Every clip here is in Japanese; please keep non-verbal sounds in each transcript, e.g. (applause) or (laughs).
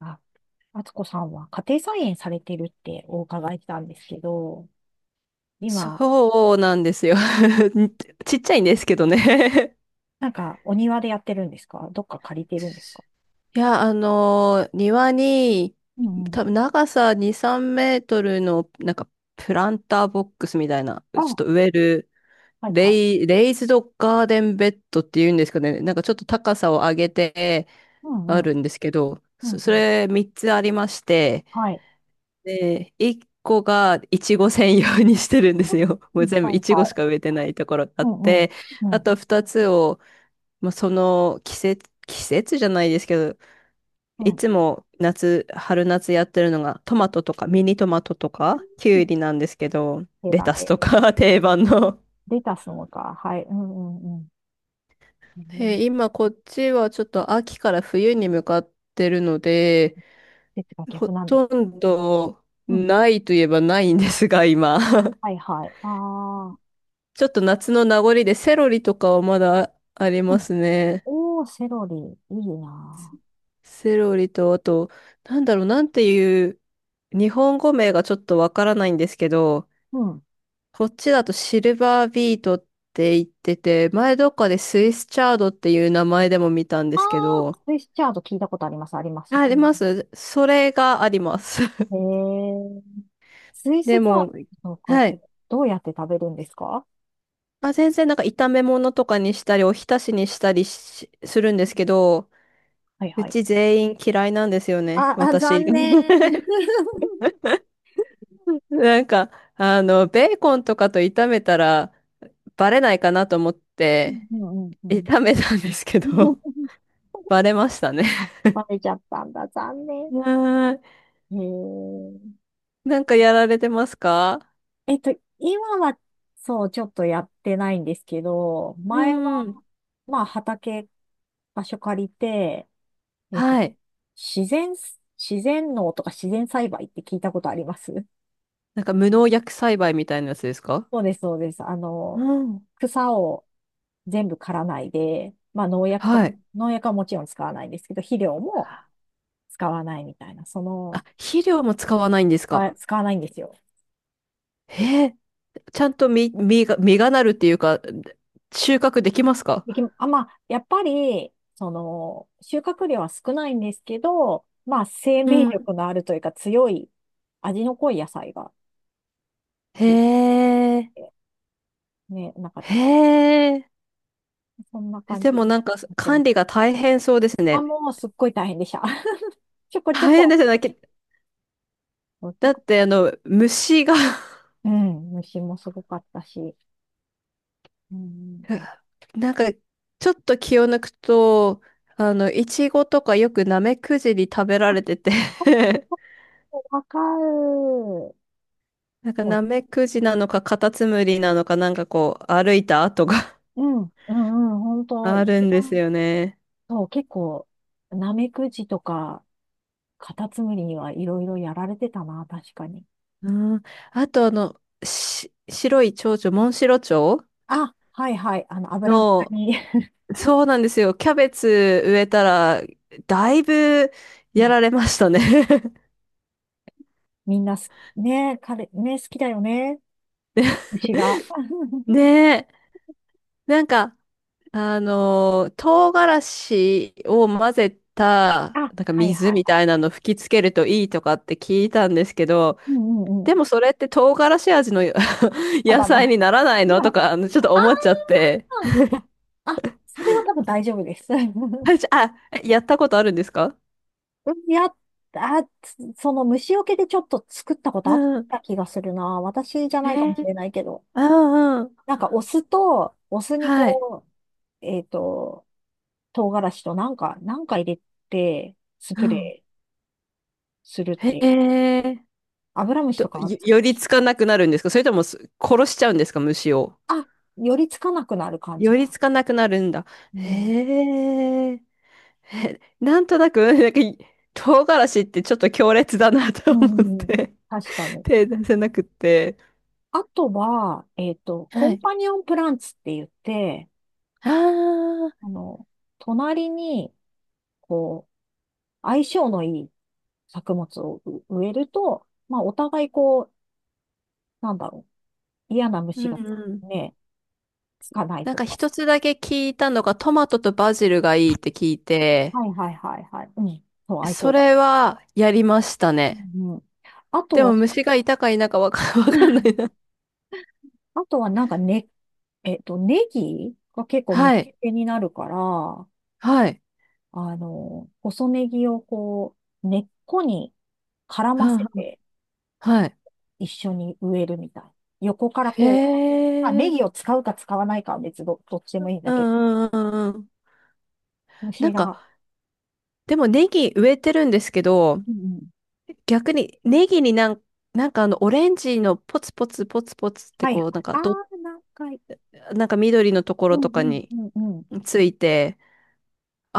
あ、敦子さんは家庭菜園されてるってお伺いしたんですけど、今、そうなんですよ。(laughs) ちっちゃいんですけどね。 なんかお庭でやってるんですか？どっか借りてるんですか？ (laughs) いや、庭に、うんうん。多分長さ2、3メートルの、なんか、プランターボックスみたいな、ちょっあ、と植える、はいはレい。レイズドガーデンベッドっていうんですかね、なんかちょっと高さを上げてうあんうん。るんですけど、うんそうん。れ3つありまして、はい。で、1個がいちご専用にしてるんですよ。(laughs) うもうん全部はいいちごはしかい。植えてないところがあうっんうて、ん。うあん。と2つを、まあ、その季節、季節じゃないですけど、ういん。つも春夏やってるのがトマトとかミニトマトとかキうュん、ウリなんですけど、手レだタスて。とか (laughs) 定番の。レタスもか。はい。うんうんうん。えー、今こっちはちょっと秋から冬に向かってるので、季節がほ逆なんだ。とんどうんないといえばないんですが、今。はいはい。ああ。ちょっと夏の名残でセロリとかはまだありうまん、すね。おー、セロリ。いいなセロリと、あと、なんだろう、なんていう、日本語名がちょっとわからないんですけど、ー。うん。こっちだとシルバービートって言ってて、前どっかでスイスチャードっていう名前でも見たんであ。あすけあ、ど、スイスチャード聞いたことあります、あります。ああうりん、ます。それがあります。へえ。スイ (laughs) スでパンも、とかっはてい。どうやって食べるんですか？あ、全然なんか炒め物とかにしたり、お浸しにしたりしするんですけど、はいうはい。ち全員嫌いなんですよね、あ、あ、私。残念。(laughs) (laughs) なんか、ベーコンとかと炒めたらバレないかなと思って、うんうんうんうん。 炒めたんですけど、(laughs) (laughs) バレましたね。バレちゃったんだ。残 (laughs) 念。はーい。なんかやられてますか？へえ。今は、そう、ちょっとやってないんですけど、前は、うん。まあ、畑、場所借りて、えっと、はい。自然、自然農とか自然栽培って聞いたことあります？なんか無農薬栽培みたいなやつですか？そうです、そうです。うん。草を全部刈らないで、まあ農薬とはか、い。農薬はもちろん使わないんですけど、肥料も使わないみたいな、あ、肥料も使わないんですあ、か？使わないんですよ。へえ、ちゃんと実がなるっていうか、収穫できますか？できあ、まあ、やっぱり、収穫量は少ないんですけど、まあ、生う命ん。力のあるというか強い味の濃い野菜がへできえ。て、ね、なんか、へえ。そんな感でじにもなんかなってま管理す。が大変そうですあ、ね。もうすっごい大変でした。(laughs) ちょこちょ大変ですこ、よね。ちょだこ、ってあの虫が。 うん、虫もすごかったし。うんうんうん。(laughs) なんかちょっと気を抜くと、イチゴとかよくナメクジに食べられてて。 (laughs) わかる。なんかそう、ナメクジなのかカタツムリなのかなんかこう歩いた跡が うん、うん、うん、本 (laughs) 当、ある一んです番、よね。そう、結構、ナメクジとか、カタツムリにはいろいろやられてたな、確かに。うん、あと白い蝶々、モンシロチョウあ、はいはい、油のの。中に。 そうなんですよ。キャベツ植えたら、だいぶやら (laughs) れましたね。 みんなす、ね、彼、ね、好きだよね、牛が。(laughs) ね (laughs) え。なんか、唐辛子を混ぜた、あ、なんかはい水はいみはたい。いなの吹きつけるといいとかって聞いたんですけど、うんうんうん。でもそれって唐辛子味の (laughs) た野だの。(laughs) 菜あにならないのとか、ちょっと思っあ、ちゃって。あ、それは多分大丈夫です。大丈 (laughs) 夫？あ、やったことあるんですか？うん、やっ、あ、つ、その虫除けでちょっと作ったことあっうん。た気がするな。私じゃえないかもしー、れないけど。うんうん。なんかお酢と、お酢にはい。こう、えっと、唐辛子となんか入れて、スうプん。レーするっへて、え。アブラムシとか、寄りつかなくなるんですか？それとも殺しちゃうんですか、虫を。あ、寄りつかなくなる感じ寄か。りつかなくなるんだ。へえ。なんとなく、なんか、唐辛子ってちょっと強烈だなうとん思うっん。うん、て、確か (laughs) に。手出せなくって。あとは、はコンい。パニオンプランツって言って、ああ、あの、隣に、こう、相性のいい作物を植えると、まあ、お互いこう、なんだろう、嫌なうん虫がうん。ね、つかないなんとかか。一つだけ聞いたのが、トマトとバジルがいいって聞いて、はいはいはいはい。うん。そう、相そ性がいれい。はやりましたね。うんうん。あとでもは、虫がいたかいなか(laughs) わかんない (laughs) な。あとはなんかね、ネギが結構は虫い。けになるから、はい。細ネギをこう、根っこに絡うませんてはい。一緒に植えるみたい。横からへこう、まあ、ネえ、ギを使うか使わないかは別ど、どっちでもいいんだうけど、んうんうんうん。な虫んか、が。でもネギ植えてるんですけど、うんうん。逆にネギになんかあのオレンジのポツポツポツポツってはいはい。こう、なんかああ、何回。なんか緑のところうんとかうにんうんうん。ついて、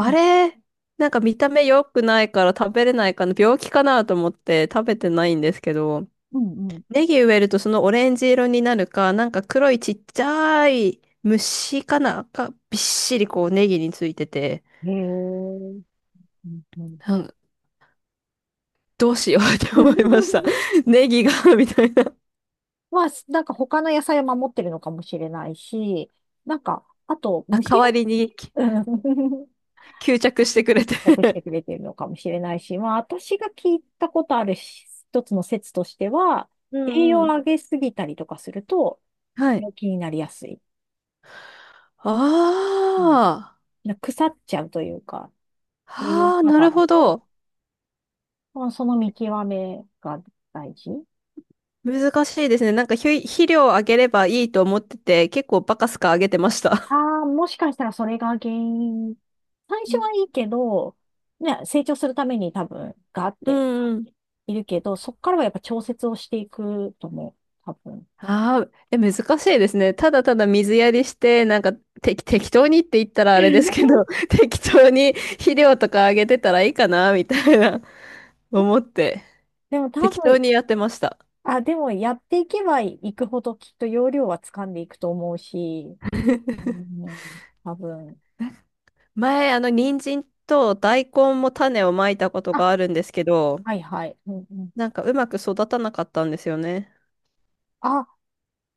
うんれ、なんか見た目良くないから食べれないかな、病気かなと思って食べてないんですけど、うんうん。ネギ植えるとそのオレンジ色になるか、なんか黒いちっちゃい虫かな、がびっしりこうネギについてて、へえ。うんうん。どうしようって思いました。(laughs) (laughs) ネギが (laughs) みたいな。まあ、なんか他の野菜を守ってるのかもしれないし、なんか、あと、あ、代虫が、わりにうん、吸着してくれて。 隠 (laughs) して (laughs) くれてるのかもしれないし、まあ、私が聞いたことあるし、一つの説としては、う栄養んをう上ん。げすぎたりとかすると、はい。病気になりやすい。うあん、腐っちゃうというか、あ、栄養はあ、過な多るだほと、ど。まあ、その見極めが大事。難しいですね。なんか肥肥料をあげればいいと思ってて、結構バカスカあげてました。ああ、もしかしたらそれが原因。最う初んはいいけど、ね、成長するために多分、ガーっうてんうん。いるけど、そこからはやっぱ調節をしていくと思う。多分。ああ、難しいですね。ただただ水やりして、なんか適当にって言ったらあれですけ (laughs) ど、(laughs) 適当に肥料とかあげてたらいいかな、みたいな思って、でも多適当分、にやってました。あ、でもやっていけばいくほどきっと要領は掴んでいくと思うし、うん、多分。前、人参と大根も種をまいたことあ、があるんですけど、はいはい。うんうん、なんかうまく育たなかったんですよね。あ、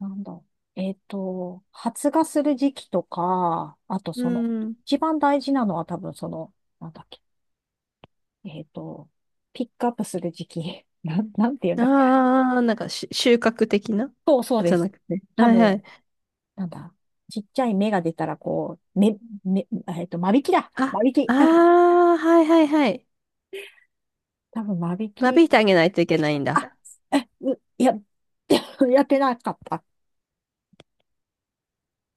なんだ。発芽する時期とか、あとうその、ん。一番大事なのは多分その、なんだっけ、えっと、ピックアップする時期。(laughs) なんて言うんだっけ、あれ。ああ、なんか収穫的な (laughs) そうそうじでゃなす。くて。多はいはい。分、なんだ。ちっちゃい芽が出たら、こう、め、め、えっと、間引きだ。あ、間引あき。(laughs) あ、はいはいはい。多分間引間き。引いてあげないといけないんあ、だ。え、う、や、(laughs) やってなかった。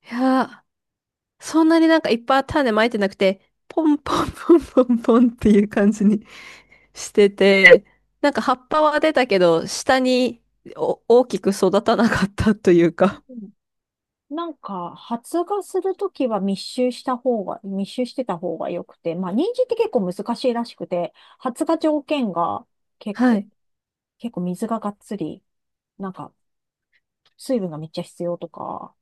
いやー、そんなになんかいっぱい種まいてなくて、ポンポンポンポンポンっていう感じにしてて、なんか葉っぱは出たけど、下に大きく育たなかったというか。なんか、発芽するときは密集した方が、密集してた方が良くて、まあ、人参って結構難しいらしくて、発芽条件が結は構、い。結構水ががっつり、なんか、水分がめっちゃ必要とか、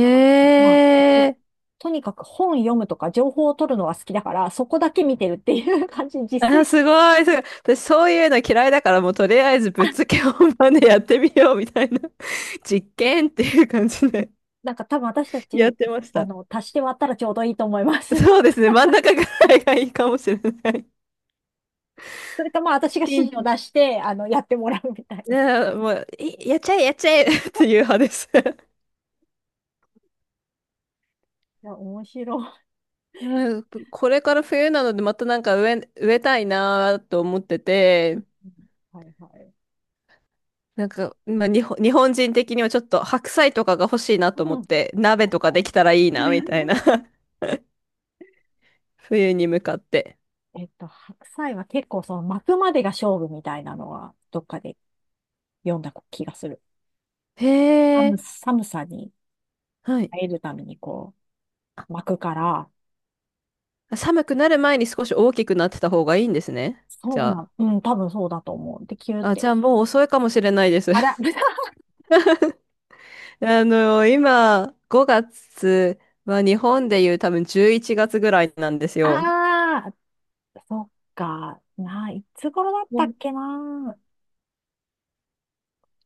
なんか、まあ、え。とにかく本読むとか情報を取るのが好きだから、そこだけ見てるっていう感じ、実あ、践。すご (laughs) い、すごい。私、そういうの嫌いだから、もうとりあえずぶっつけ本番でやってみようみたいな (laughs) 実験っていう感じで なんか多分私た (laughs) やっち、てました。足して割ったらちょうどいいと思います。そう (laughs) ですね、真ん中ぐらいがいいかもしれない。それかまあ私が指しん、示を出して、やってもらうみたいな。いね、もう、いやっちゃえ、やっちゃえ (laughs) っていう派です。(laughs) や、面白い。うん、これから冬なので、またなんか植えたいなと思ってて、はいはい。なんか、まあ、日本人的にはちょっと白菜とかが欲しいなと思うっん、て、鍋確とかかでに。きたらいいなみたいな。(laughs) 冬に向かって。白菜は結構その巻くまでが勝負みたいなのはどっかで読んだ気がする。へえ、寒さにはい。耐えるためにこう巻くから、寒くなる前に少し大きくなってた方がいいんですね。じそうゃなあ。ん、うん、多分そうだと思う。で、キューっあ、じて。ゃあもう遅いかもしれないです。あら、(laughs) 豚。 (laughs) 今、5月は日本でいう多分11月ぐらいなんですよ。ああ、そっか。ないつ頃だっうたっんけな。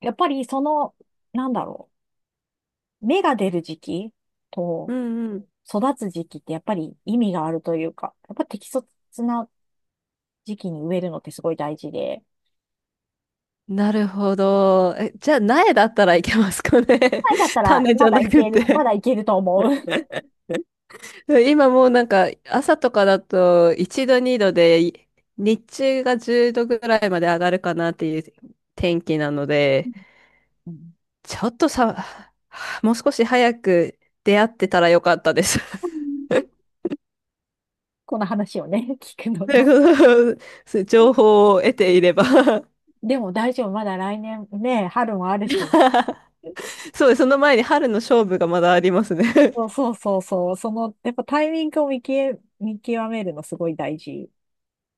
やっぱりその、なんだろう。芽が出る時期うとんうん。育つ時期ってやっぱり意味があるというか、やっぱ適切な時期に植えるのってすごい大事で、なるほど。じゃあ苗だったらいけますかね。前だった (laughs) ら種じまゃだないくける、まて、だいけると思う。今もうなんか朝とかだと1度2度で日中が10度ぐらいまで上がるかなっていう天気なので、 (laughs) うん、ちょっとさ、(sighs) もう少し早く出会ってたらよかったです。(laughs) この話をね、聞くのでが。この (laughs) 情報を得ていれば。 でも大丈夫、まだ来年ね、春もあるし。(laughs) そうです、その前に春の勝負がまだありますね。そうそうそうそう、その、やっぱタイミングを見極めるのすごい大事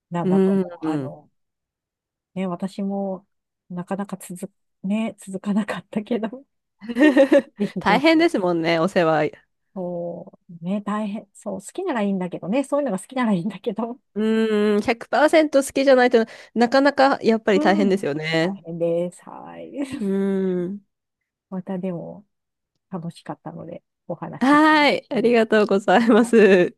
なんうだとん。思 (laughs) う。うん。ね、私もなかなか続かなかったけど、(laughs) ぜひ大ぜ変ひ。ですもんね、お世話。そう、ね、大変、そう、好きならいいんだけどね、そういうのが好きならいいんだけど、うん、100%好きじゃないとなかなかやっぱうり大変ですん。よ大ね。変です。はい。う (laughs) ん。またでも楽しかったので、お話。はーい。あうりんがとうございます。